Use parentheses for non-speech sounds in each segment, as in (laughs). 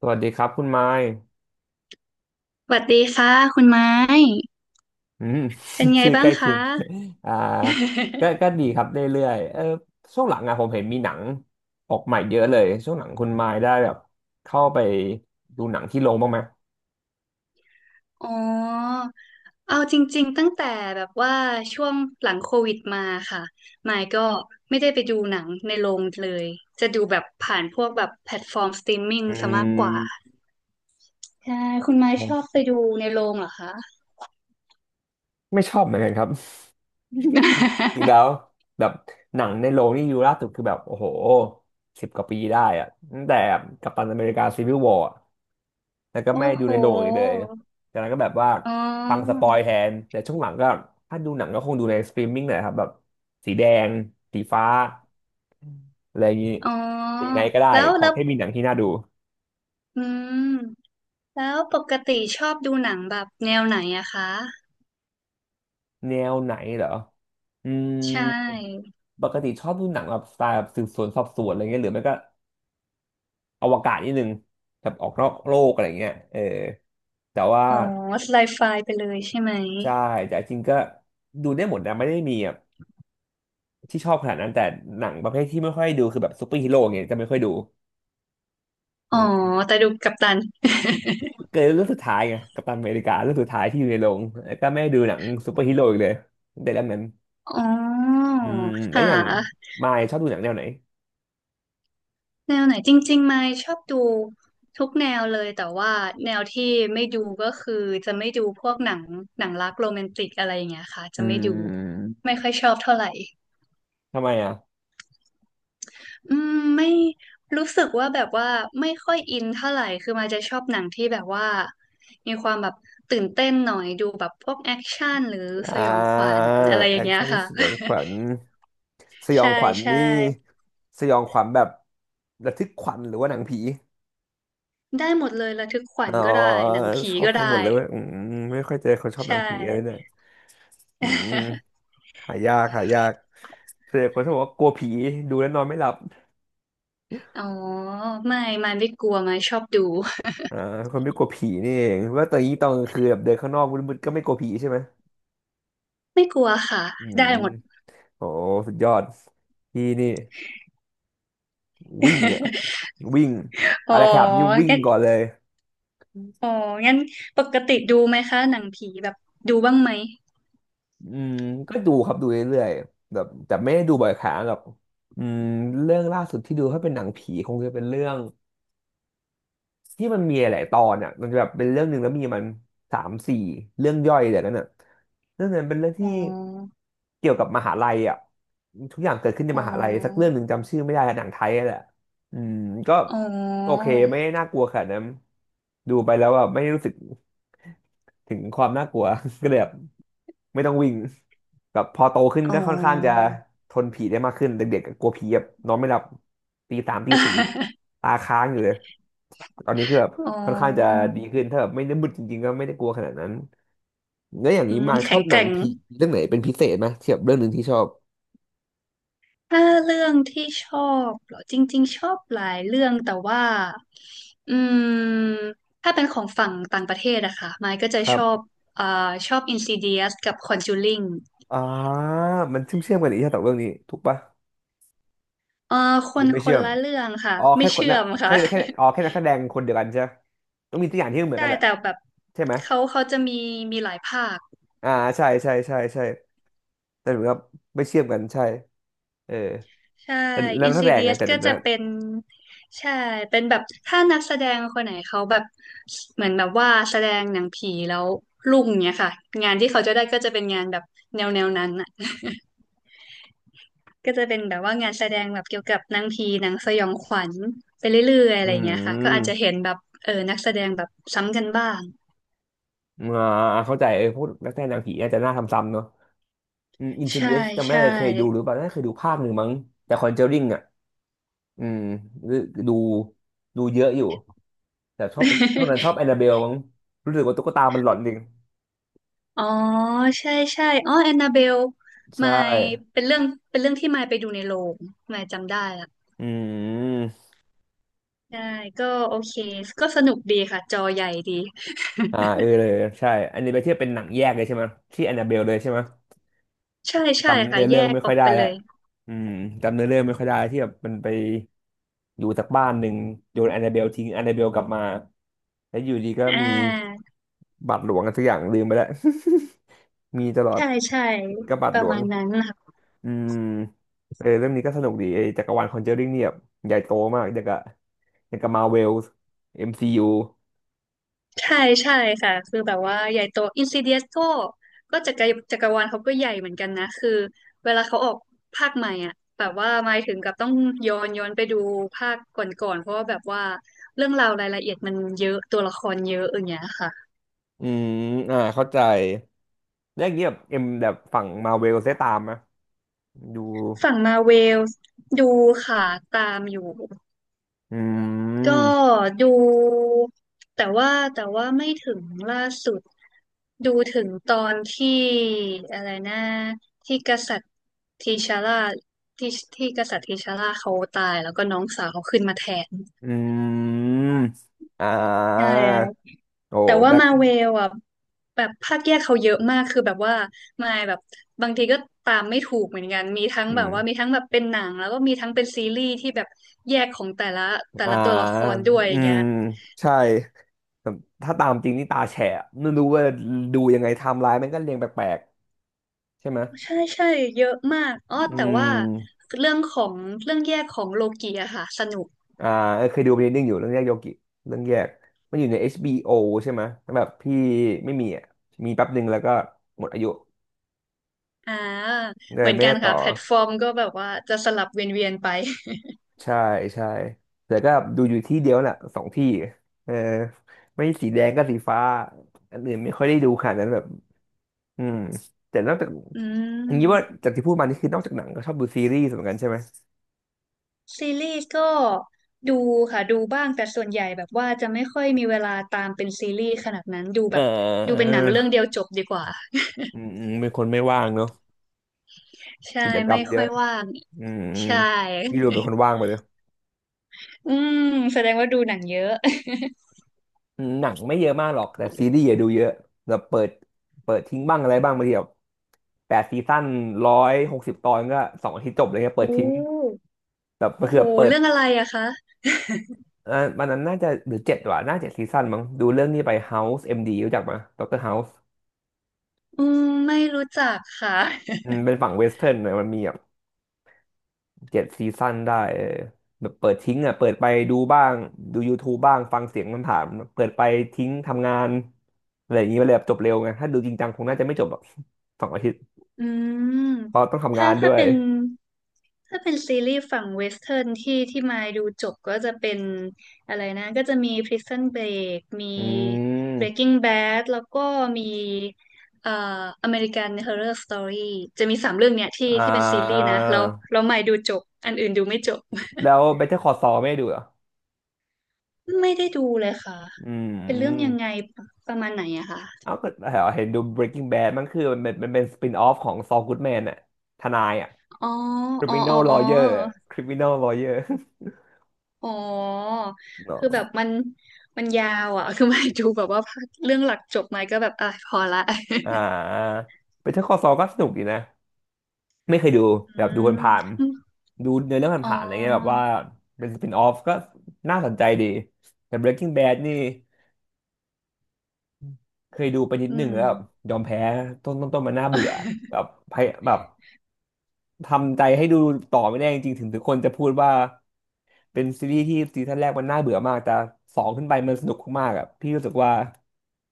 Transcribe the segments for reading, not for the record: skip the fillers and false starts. สวัสดีครับคุณไมค์สวัสดีค่ะคุณไม้อืม เป็น (laughs) ไงชื่อใกบ้างล้เคีคะยง (laughs) อ่าก็ดีครับเรื่อยๆเออช่วงหลังอะผมเห็นมีหนังออกใหม่เยอะเลยช่วงหลังคุณไมค์ได้แบบเข้าไปดูหนังที่โรงบ้างไหมอ๋อเอาจริงๆตั้งแต่แบบว่าช่วงหลังโควิดมาค่ะไมค์ก็ไม่ได้ไปดูหนังในโรงเลยจะดูแบบผ่านพวกแบบแพลตฟอร์มสตรีมมิ่งอืซะมากกว่ามใช่คุณไม้ชอบไปดูในโรงเหรอคะ ไม่ชอบเหมือนกันครับ (laughs) จริง (laughs) แล้วแบบหนังในโรงนี่ดูล่าสุดคือแบบโอ้โหสิบกว่าปีได้อะตั้งแต่กัปตันอเมริกาซีวิลวอร์ แล้วก็ไม่โอ้ดูโหในโรงอีกเลยจากนั้นก็แบบว่าอ๋อฟังสปอยแทน แต่ช่วงหลังก็ถ้าดูหนังก็คงดูในสตรีมมิ่งแหละครับแบบสีแดงสีฟ้าอะไรอย่างนี้ อ๋อสีไหนก็ได้แล้วขอแล้วแค่มีหนังที่น่าดูอืมแล้วปกติชอบดูหนังแบบแนวไหนอะคะแนวไหนเหรอ อืมใช่ ปกติชอบดูหนังแบบสไตล์แบบสืบสวนสอบสวนอะไรเงี้ยหรือไม่ก็อวกาศนิดนึงแบบออกนอกโลกอะไรเงี้ยเออแต่ว่าอ๋อสไลด์ไฟล์ไปเลยใช่ไหมใช่แต่จริงๆก็ดูได้หมดนะไม่ได้มี ที่ชอบขนาดนั้นแต่หนังประเภทที่ไม่ค่อยดูคือแบบซูเปอร์ฮีโร่เงี้ยจะไม่ค่อยดูอ๋อือมแต่ดูกัปตันเกิดเรื่องสุดท้ายไงกัปตันอเมริกาเรื่องสุดท้ายที่อยู่ในโรงแล้วก็ไม่ได้ดูหนังซูเปอร์ฮีโร่อีกเลยตั้งแต่เรื่องนั้นอ๋ออืมแล้วค่อย่างะมายชอบดูหนังแนวไหนแนวไหนจริงๆไม่ชอบดูทุกแนวเลยแต่ว่าแนวที่ไม่ดูก็คือจะไม่ดูพวกหนังหนังรักโรแมนติกอะไรอย่างเงี้ยค่ะอืจะไม่ดูไม่มค่อยชอบเท่าไหร่ทำไมอ่ะอืมไม่รู้สึกว่าแบบว่าไม่ค่อยอินเท่าไหร่คือมาจะชอบหนังที่แบบว่ามีความแบบตื่นเต้นหน่อยดูแบบพวกแอคชั่นหรือสอ่ายองขวัญอะไรอแอย่างคเงี้ยชั่นค่ะ สยองขวัญสยอใช่งขวัญใช่นี่สยองขวัญแบบระทึกขวัญหรือว่าหนังผีได้หมดเลยระทึกขวัอ๋ญอก็ได้หนังผีชอบก็ทั้งหมได้ดเลยเว้ยอืมไม่ค่อยเจอคนชอบใชหนังผีอะไรเนี่ย่ อืม (laughs) หายากหายาก เสียคนที่บอกว่ากลัวผีดูแล้วนอนไม่หลับอ๋อไม่ไม่กลัวไม่ชอบดูอ่าคนไม่กลัวผีนี่เองว่าตอนนี้ตอนกลางคืนแบบเดินข้างนอกมืดๆก็ไม่กลัวผีใช่ไหมไม่กลัวค่ะอืได้มหมด โอ้สุดยอดพี่นี่วิ่งเนี่ย (laughs) วิ่งอ๋ออะไรครับนี่วิ่งงั้นก่อนเลยอ๋องั้นปกติดูไหมคะหนังผีแบบดูบ้างไหมอืมก็ดูครับดูเรื่อยๆแบบแต่ไม่ได้ดูบ่อยครั้งหรอกอืมเรื่องล่าสุดที่ดูถ้าเป็นหนังผีคงจะเป็นเรื่องที่มันมีหลายๆตอนอ่ะมันจะแบบเป็นเรื่องหนึ่งแล้วมีมันสามสี่เรื่องย่อยแต่นั้นอ่ะเรื่องนั้นเป็นเรื่องอ๋ที่ อเกี่ยวกับมหาลัยอ่ะทุกอย่างเกิดขึ้นในอ๋มอหาลัยสักเรื่องหนึ่งจำชื่อไม่ได้อะหนังไทยอะแหละอืมก็อ๋อโอเคไม่ได้น่ากลัวขนาดนั้นดูไปแล้วแบบไม่ได้รู้สึกถึงความน่ากลัว (laughs) ก็เลยแบบไม่ต้องวิ่งแบบพอโตขึ้นอ๋อ ก็ค่อนข้างจะทนผีได้มากขึ้นเด็กๆก็กลัวผีแบบนอนไม่หลับตีสามตีสี่ (laughs) ตาค้างอยู่เลยตอนนี้คือแบบอ๋ค่อนข้างจะอดีขึ้นถ้าแบบไม่ได้มืดจริงๆก็ไม่ได้กลัวขนาดนั้น แล้วอย่างอืนี้มมาชแข็องบหแกนัร่งง ผีเรื่องไหนเป็นพิเศษไหมเทียบเรื่องหนึ่งที่ชอบถ้าเรื่องที่ชอบเหรอจริงๆชอบหลายเรื่องแต่ว่าอืมถ้าเป็นของฝั่งต่างประเทศอะค่ะไมค์ก็คจะรัชอบบอ่าชอบ Insidious กับ Conjuring อ่ามันเชื่อมกันอีกใช่ไหมสองเรื่องนี้ถูกปะเอ่อคหรือนไม่คเชื่นอมละเรื่องค่ะอ๋อแค่ไม่คนเชื่อนะมแค่ค่ะ แค่อ๋อแค่นักแสดงคนเดียวกันใช่ปะต้องมีตัวอย่างที่เห (laughs) มือนใช่กันแหละแต่แบบใช่ไหมเขาจะมีมีหลายภาค อ่าใช่ใช่ใช่ใช่แต่เหมือนกับไม่เชื่อมกันใช่เออใช่ แต่แล้วนักแสดงไง Insidious แต่ก็จะเป็นใช่ เป็นแบบถ้านักแสดงคนไหนเขาแบบเหมือนแบบว่าแสดงหนังผีแล้วลุ่งเนี้ยค่ะงานที่เขาจะได้ก็จะเป็นงานแบบแนวแนวนั้นอ่ะ (laughs) ก็จะเป็นแบบว่างานแสดงแบบเกี่ยวกับหนังผีหนังสยองขวัญไปเรื่อยๆอะอืไรเงี้ยค่ะก็อาจจะเห็มนแบบเออนักแสดงแบบซ้ำกันบ้างอ่าเข้าใจเออพูดนักแสดงหนังผีอาจจะน่าทำซ้ำเนอะ อืมอินซิใช่เดียสจำไม่ได้ใช่ เลยเคยดูหรือเปล่าน่าจะเคยดูภาคหนึ่งมั้งแต่คอนเจอริงอ่ะอืมดูเยอะอยู่แต่ชอบนั้นชอ (laughs) บแอนนาเบลมั้งรู้สึกว่าตุ๊กตามันหลอนจริงอ๋อใช่ใช่อ๋อแอนนาเบลใช่มายเป็นเรื่องเป็นเรื่องที่มายไปดูในโรงมายจำได้ละ อืมใช่ก็โอเคก็สนุกดีค่ะจอใหญ่ดี (laughs) อ่าเออเลยใช่อันนี้ไปเทียบเป็นหนังแยกเลยใช่ไหมที่แอนนาเบลเลยใช่ไหมใช่ใช่จำค่ะเนื้อแยเรื่องกไม่อค่ออยกได้ไปเลแล้วยอืมจำเนื้อเรื่องไม่ค่อยได้ที่แบบมันไปอยู่จากบ้านหนึ่งโยนแอนนาเบลทิ้งแอนนาเบลกลับมาแล้วอยู่ดีก็อ่มีาบาทหลวงกันสักอย่างลืมไปแล้ว (laughs) มีตลอด ใช่ใช่กบบาทปหลระวง มาณนั้นค่ะอืมเออเรื่องนี้ก็สนุกดีไอ้จักรวาลคอนเจอริงเนี่ยแบบใหญ่โตมากอย่างกับอย่างกับมาเวล MCU อมซียูใช่ใช่ค่ะคือแบบว่าใหญ่โตอินซิเดียสก็ก็จักรจักรวาลเขาก็ใหญ่เหมือนกันนะคือเวลาเขาออกภาคใหม่อ่ะแบบว่าหมายถึงกับต้องย้อนย้อนไปดูภาคก่อนๆเพราะว่าแบบว่าเรื่องราวรายละเอียดมันเยอะตัวละครเยอะอย่างเงี้ยค่ะอืมอ่าเข้าใจแล้วอย่างเงี้ยแบบเอ็มแบบฝั่งมาเวลได้ตามไหมดู ฝั่งมาเวลดูค่ะตามอยู่ อืก็มดูแต่ว่าแต่ว่าไม่ถึงล่าสุดดูถึงตอนที่อะไรนะที่กษัตริย์ทีชาร่าที่ที่กษัตริย์ทีชาร่าเขาตายแล้วก็น้องสาวเขาขึ้นมาแทนอืมอ่ใชา่โอ้ แต่ว่าแบ็คมาเวลอ่ะแบบภาคแยกเขาเยอะมากคือแบบว่ามายแบบบางทีก็ตามไม่ถูกเหมือนกันมีทั้งอืแบบว่ามีมทั้งแบบเป็นหนังแล้วก็มีทั้งเป็นซีรีส์ที่แบบแยกของแต่ละแต่อ่าละตัวละครด้วยออืย่างเงี้มย ใช่แต่ถ้าตามจริงนี่ตาแฉะไม่รู้ว่าดูยังไงไทม์ไลน์มันก็เรียงแปลกๆ ใช่ไหมใช่ใช่เยอะมากอ้ออืแต่ว่าม เรื่องของเรื่องแยกของโลกีอะค่ะสนุกอ่าเออเคยดู b l น n d นึงอยู่เรื่องแยกโยกิเรื่องแยกมันอยู่ใน HBO ใช่ไหมแล้วแบบพี่ไม่มีอ่ะมีแป๊บหนึ่งแล้วก็หมดอายุอ่าเลเหยมือนแม่กันได้ต่อค่ะแพลตฟอร์มก็แบบว่าจะสลับเวียนๆไป (laughs) ใช่ใช่แต่ก็ดูอยู่ที่เดียวน่ะสองที่เออไม่สีแดงก็สีฟ้าอันอื่นไม่ค่อยได้ดูขนาดนั้นแบบอืมแต่นอกจากอือย่างนี้ว่ามจากที่พูดมานี่คือนอกจากหนังก็ชอบดูซีรีส์เหมือนกันใช่ไหมซีรีส์ก็ดูค่ะดูบ้างแต่ส่วนใหญ่แบบว่าจะไม่ค่อยมีเวลาตามเป็นซีรีส์ขนาดนั้นดูเอแบบดูเป็อนหนังเรื่องเดียวจบดีกว่าอืมอืมเป็นคนไม่ว่างเนอะใช่กิจกรรไม่มเยค่ออะยว่างอืมอืมใช่ พี่ดูเป็นคนว่างไปเลย (laughs) อืมแสดงว่าดูหนังเยอะ อืมหนังไม่เยอะมากหรอก แต่ซีรีส์อย่าดูเยอะแบบเปิดทิ้งบ้างอะไรบ้างบางทีแบบแปดซีซั่นร้อยหกสิบตอนก็สองอาทิตย์จบเลยเงี้ย (laughs) เปิดโอ้ทิ้งแบบมันโอ้คือโหแบบเปิดเรื่องอะไรอะคะอ่าวันนั้นน่าจะหรือเจ็ดว่ะน่าจะซีซั่นมั้งดูเรื่องนี้ไป House MD รู้จักไหมด็อกเตอร์ House อืมไม่รู้จักค่ะ อืมเป็นฝั่งเวสเทิร์นหน่อยมันมีแบบเจ็ดซีซั่นได้เออแบบเปิดทิ้งอ่ะเปิดไปดูบ้างดู YouTube บ้างฟังเสียงมันผามเปิดไปทิ้งทำงานอะไรอย่างงี้ไปเลยแบบจบเร็วไงถ้าดูจริงจังคงน่าจะไม่จบแบบสองอาทิตย์อืเพราะมต้องทำงาถ้านด้วย ถ้าเป็นซีรีส์ฝั่งเวสเทิร์นที่ที่มายดูจบก็จะเป็นอะไรนะก็จะมี Prison Break มี อืม Breaking Bad แล้วก็มีเอ่อ American Horror Story จะมีสามเรื่องเนี่ยที่อ่าที่เป็นซีรีส์นะแล้วรามายดูจบอันอื่นดูไม่จบ แล้ว Better Call Saul ไม่ได้ดูเหรอ (laughs) ไม่ได้ดูเลยค่ะอืเป็นเรื่องยัมงไงประมาณไหนอะคะเอาก็เห็นดู Breaking Bad มันคือมันเป็นสปินออฟของ Saul Goodman อะทนายอะ อ๋ออ๋ออ๋อ Criminal อ๋อ Lawyer อะ Criminal Lawyer (laughs) อ๋อ คือแบบเนาะมันมันยาวอ่ะ (laughs) คือไม่ดูแบบว่าเรื่องหลักจบไหมาก็แบบอ่ะพอละ อ่า Better Call Saul ก็สนุกดีนะไม่เคยดู (laughs) อืแบบดูอผ่านมๆดูเนื้อเรื่องอ๋ผ่านๆอะไรเงี้ยแบบอว่าเป็นสปินออฟก็น่าสนใจดีแต่ Breaking Bad นี่เคยดูไปนิดอืนึงม แล้วแบบยอมแพ้ต้นมันน่าเบื่อแบ (laughs) บพยแบบ ทำใจให้ดูต่อไม่ได้จริงๆถึงทุกคนจะพูดว่าเป็นซีรีส์ที่ซีซั่นแรกมันน่าเบื่อมากแต่สองขึ้นไปมันสนุกมากๆอ่ะพี่รู้สึกว่า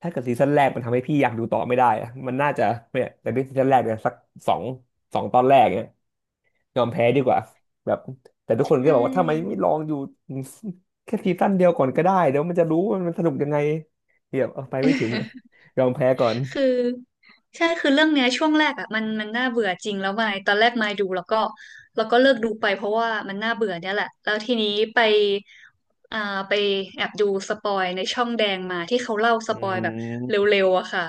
ถ้าเกิดซีซั่นแรกมันทำให้พี่อยากดูต่อไม่ได้อะมันน่าจะเนี่ยแต่ด้วยซีซั่นแรกเนี่ยสักสองสองตอนแรกเนี่ยยอมแพ้ดีกว่าแบบแต่ทุกใชคนก็บอกว่าทำไมไม่่ ลองอยู่แค่ซีซั่นเดียวก่อนก็ได้เดี๋ยวมันจะรู้ว่ามันสนุกยังไงเดี๋ยวเอาไปไม่ถึงอะ (laughs) ยอมแพ้ก่อนคือใช่คือเรื่องเนี้ยช่วงแรกอ่ะมันมันน่าเบื่อจริงแล้วมายตอนแรกมายดูแล้วก็แล้วก็เลิกดูไปเพราะว่ามันน่าเบื่อเนี่ยแหละแล้วทีนี้ไปอ่าไปแอบดูสปอยในช่องแดงมาที่เขาเล่าสอืปอยแบบเรม็วๆอะค่ะ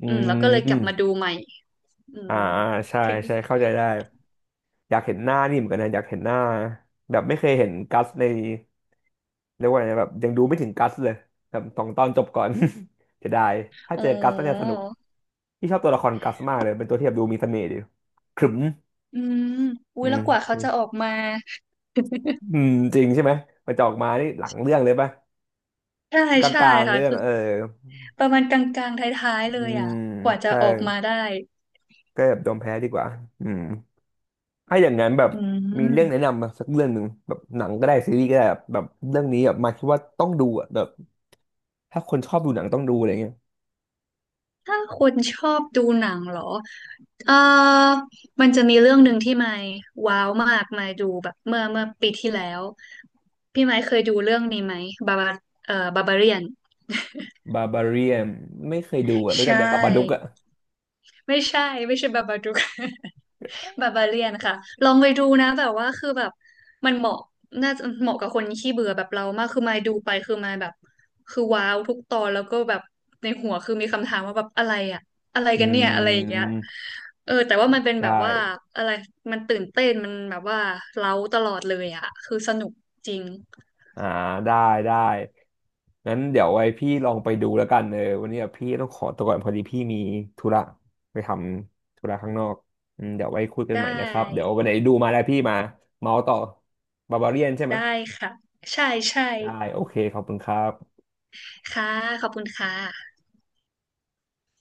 อือืมแล้วก็เลยกลับมาดูมใหม่อือ่ามใช่ถึงใช่เข้าใจได้ อยากเห็นหน้านี่เหมือนกันนะอยากเห็นหน้าแบบไม่เคยเห็นกัสในเรียกว่าไงนะแบบยังดูไม่ถึงกัสเลยแบบสองตอนจบก่อน (laughs) จะได้ถ้าอ๋อเจอกัสน่าจะสนุกพี่ชอบตัวละครกัสมากเลยเป็นตัวที่แบบดูมีเสน่ห์ดีขรึมอืมอุ้อืยแล้วกว่าเขาจะอมอกมาอืมจริงใช่ไหมมันจะออกมานี่หลังเรื่องเลยปะใช่กใช่ลางๆค่ะเรื่องคือเออประมาณกลางๆท้ายๆเลอืยอ่ะมกว่าจะใช่ออกมาได้ก็แบบยอมแพ้ดีกว่าอืมถ้าอย่างนั้นแบบอืมีเรื่องแนะม นำมาสักเรื่องหนึ่งแบบหนังก็ได้ซีรีส์ก็ได้แบบแบบเรื่องนี้แบบมาคิดว่าต้องดูอะแบบถ้าคนชอบดูหนังต้องดูอะไรเงี้ย ถ้าคนชอบดูหนังเหรอเออมันจะมีเรื่องหนึ่งที่ไม่ว้าวมากไมาดูแบบเมื่อเมื่อปีที่แล้วพี่ไม้เคยดูเรื่องนี้ไหมบาบาบาบาเรียนบาบาเรียนไม่เคยดูอ่ะรู้ใชจักแต่บาบาดุก่ อ่ะไม่ใช่ไม่ใช่บาบาดู (laughs) กบาบาเลียนค่ะลองไปดูนะแบบว่าคือแบบมันเหมาะน่าจะเหมาะกับคนขี้เบื่อแบบเรามากคือมายดูไปคือมายแบบคือว้าวทุกตอนแล้วก็แบบในหัวคือมีคำถามว่าแบบอะไรอะอะไรอืกันเนี่ยอะไรอย่างเงี้ยมเออแต่ว่ามันเป็นไดแบบว่า้อะไรมันตื่นเต้นมันแบบว่าเร้าตลอดเลยอะคือสนุกจริงอ่าได้ ได้ งั้นเดี๋ยวไว้พี่ลองไปดูแล้วกันเออวันนี้อะพี่ต้องขอตัวก่อนพอดีพี่มีธุระไปทำธุระข้างนอกอืมเดี๋ยวไว้คุยกันไดใหม่นะครับ เดี๋ยว้วันไหนดูมาแล้วพี่มาเมาส์ต่อบาบาเรียนใช่ไหมได้ค่ะใช่ใช่ได้โอเคขอบคุณครับค่ะขอบคุณค่ะ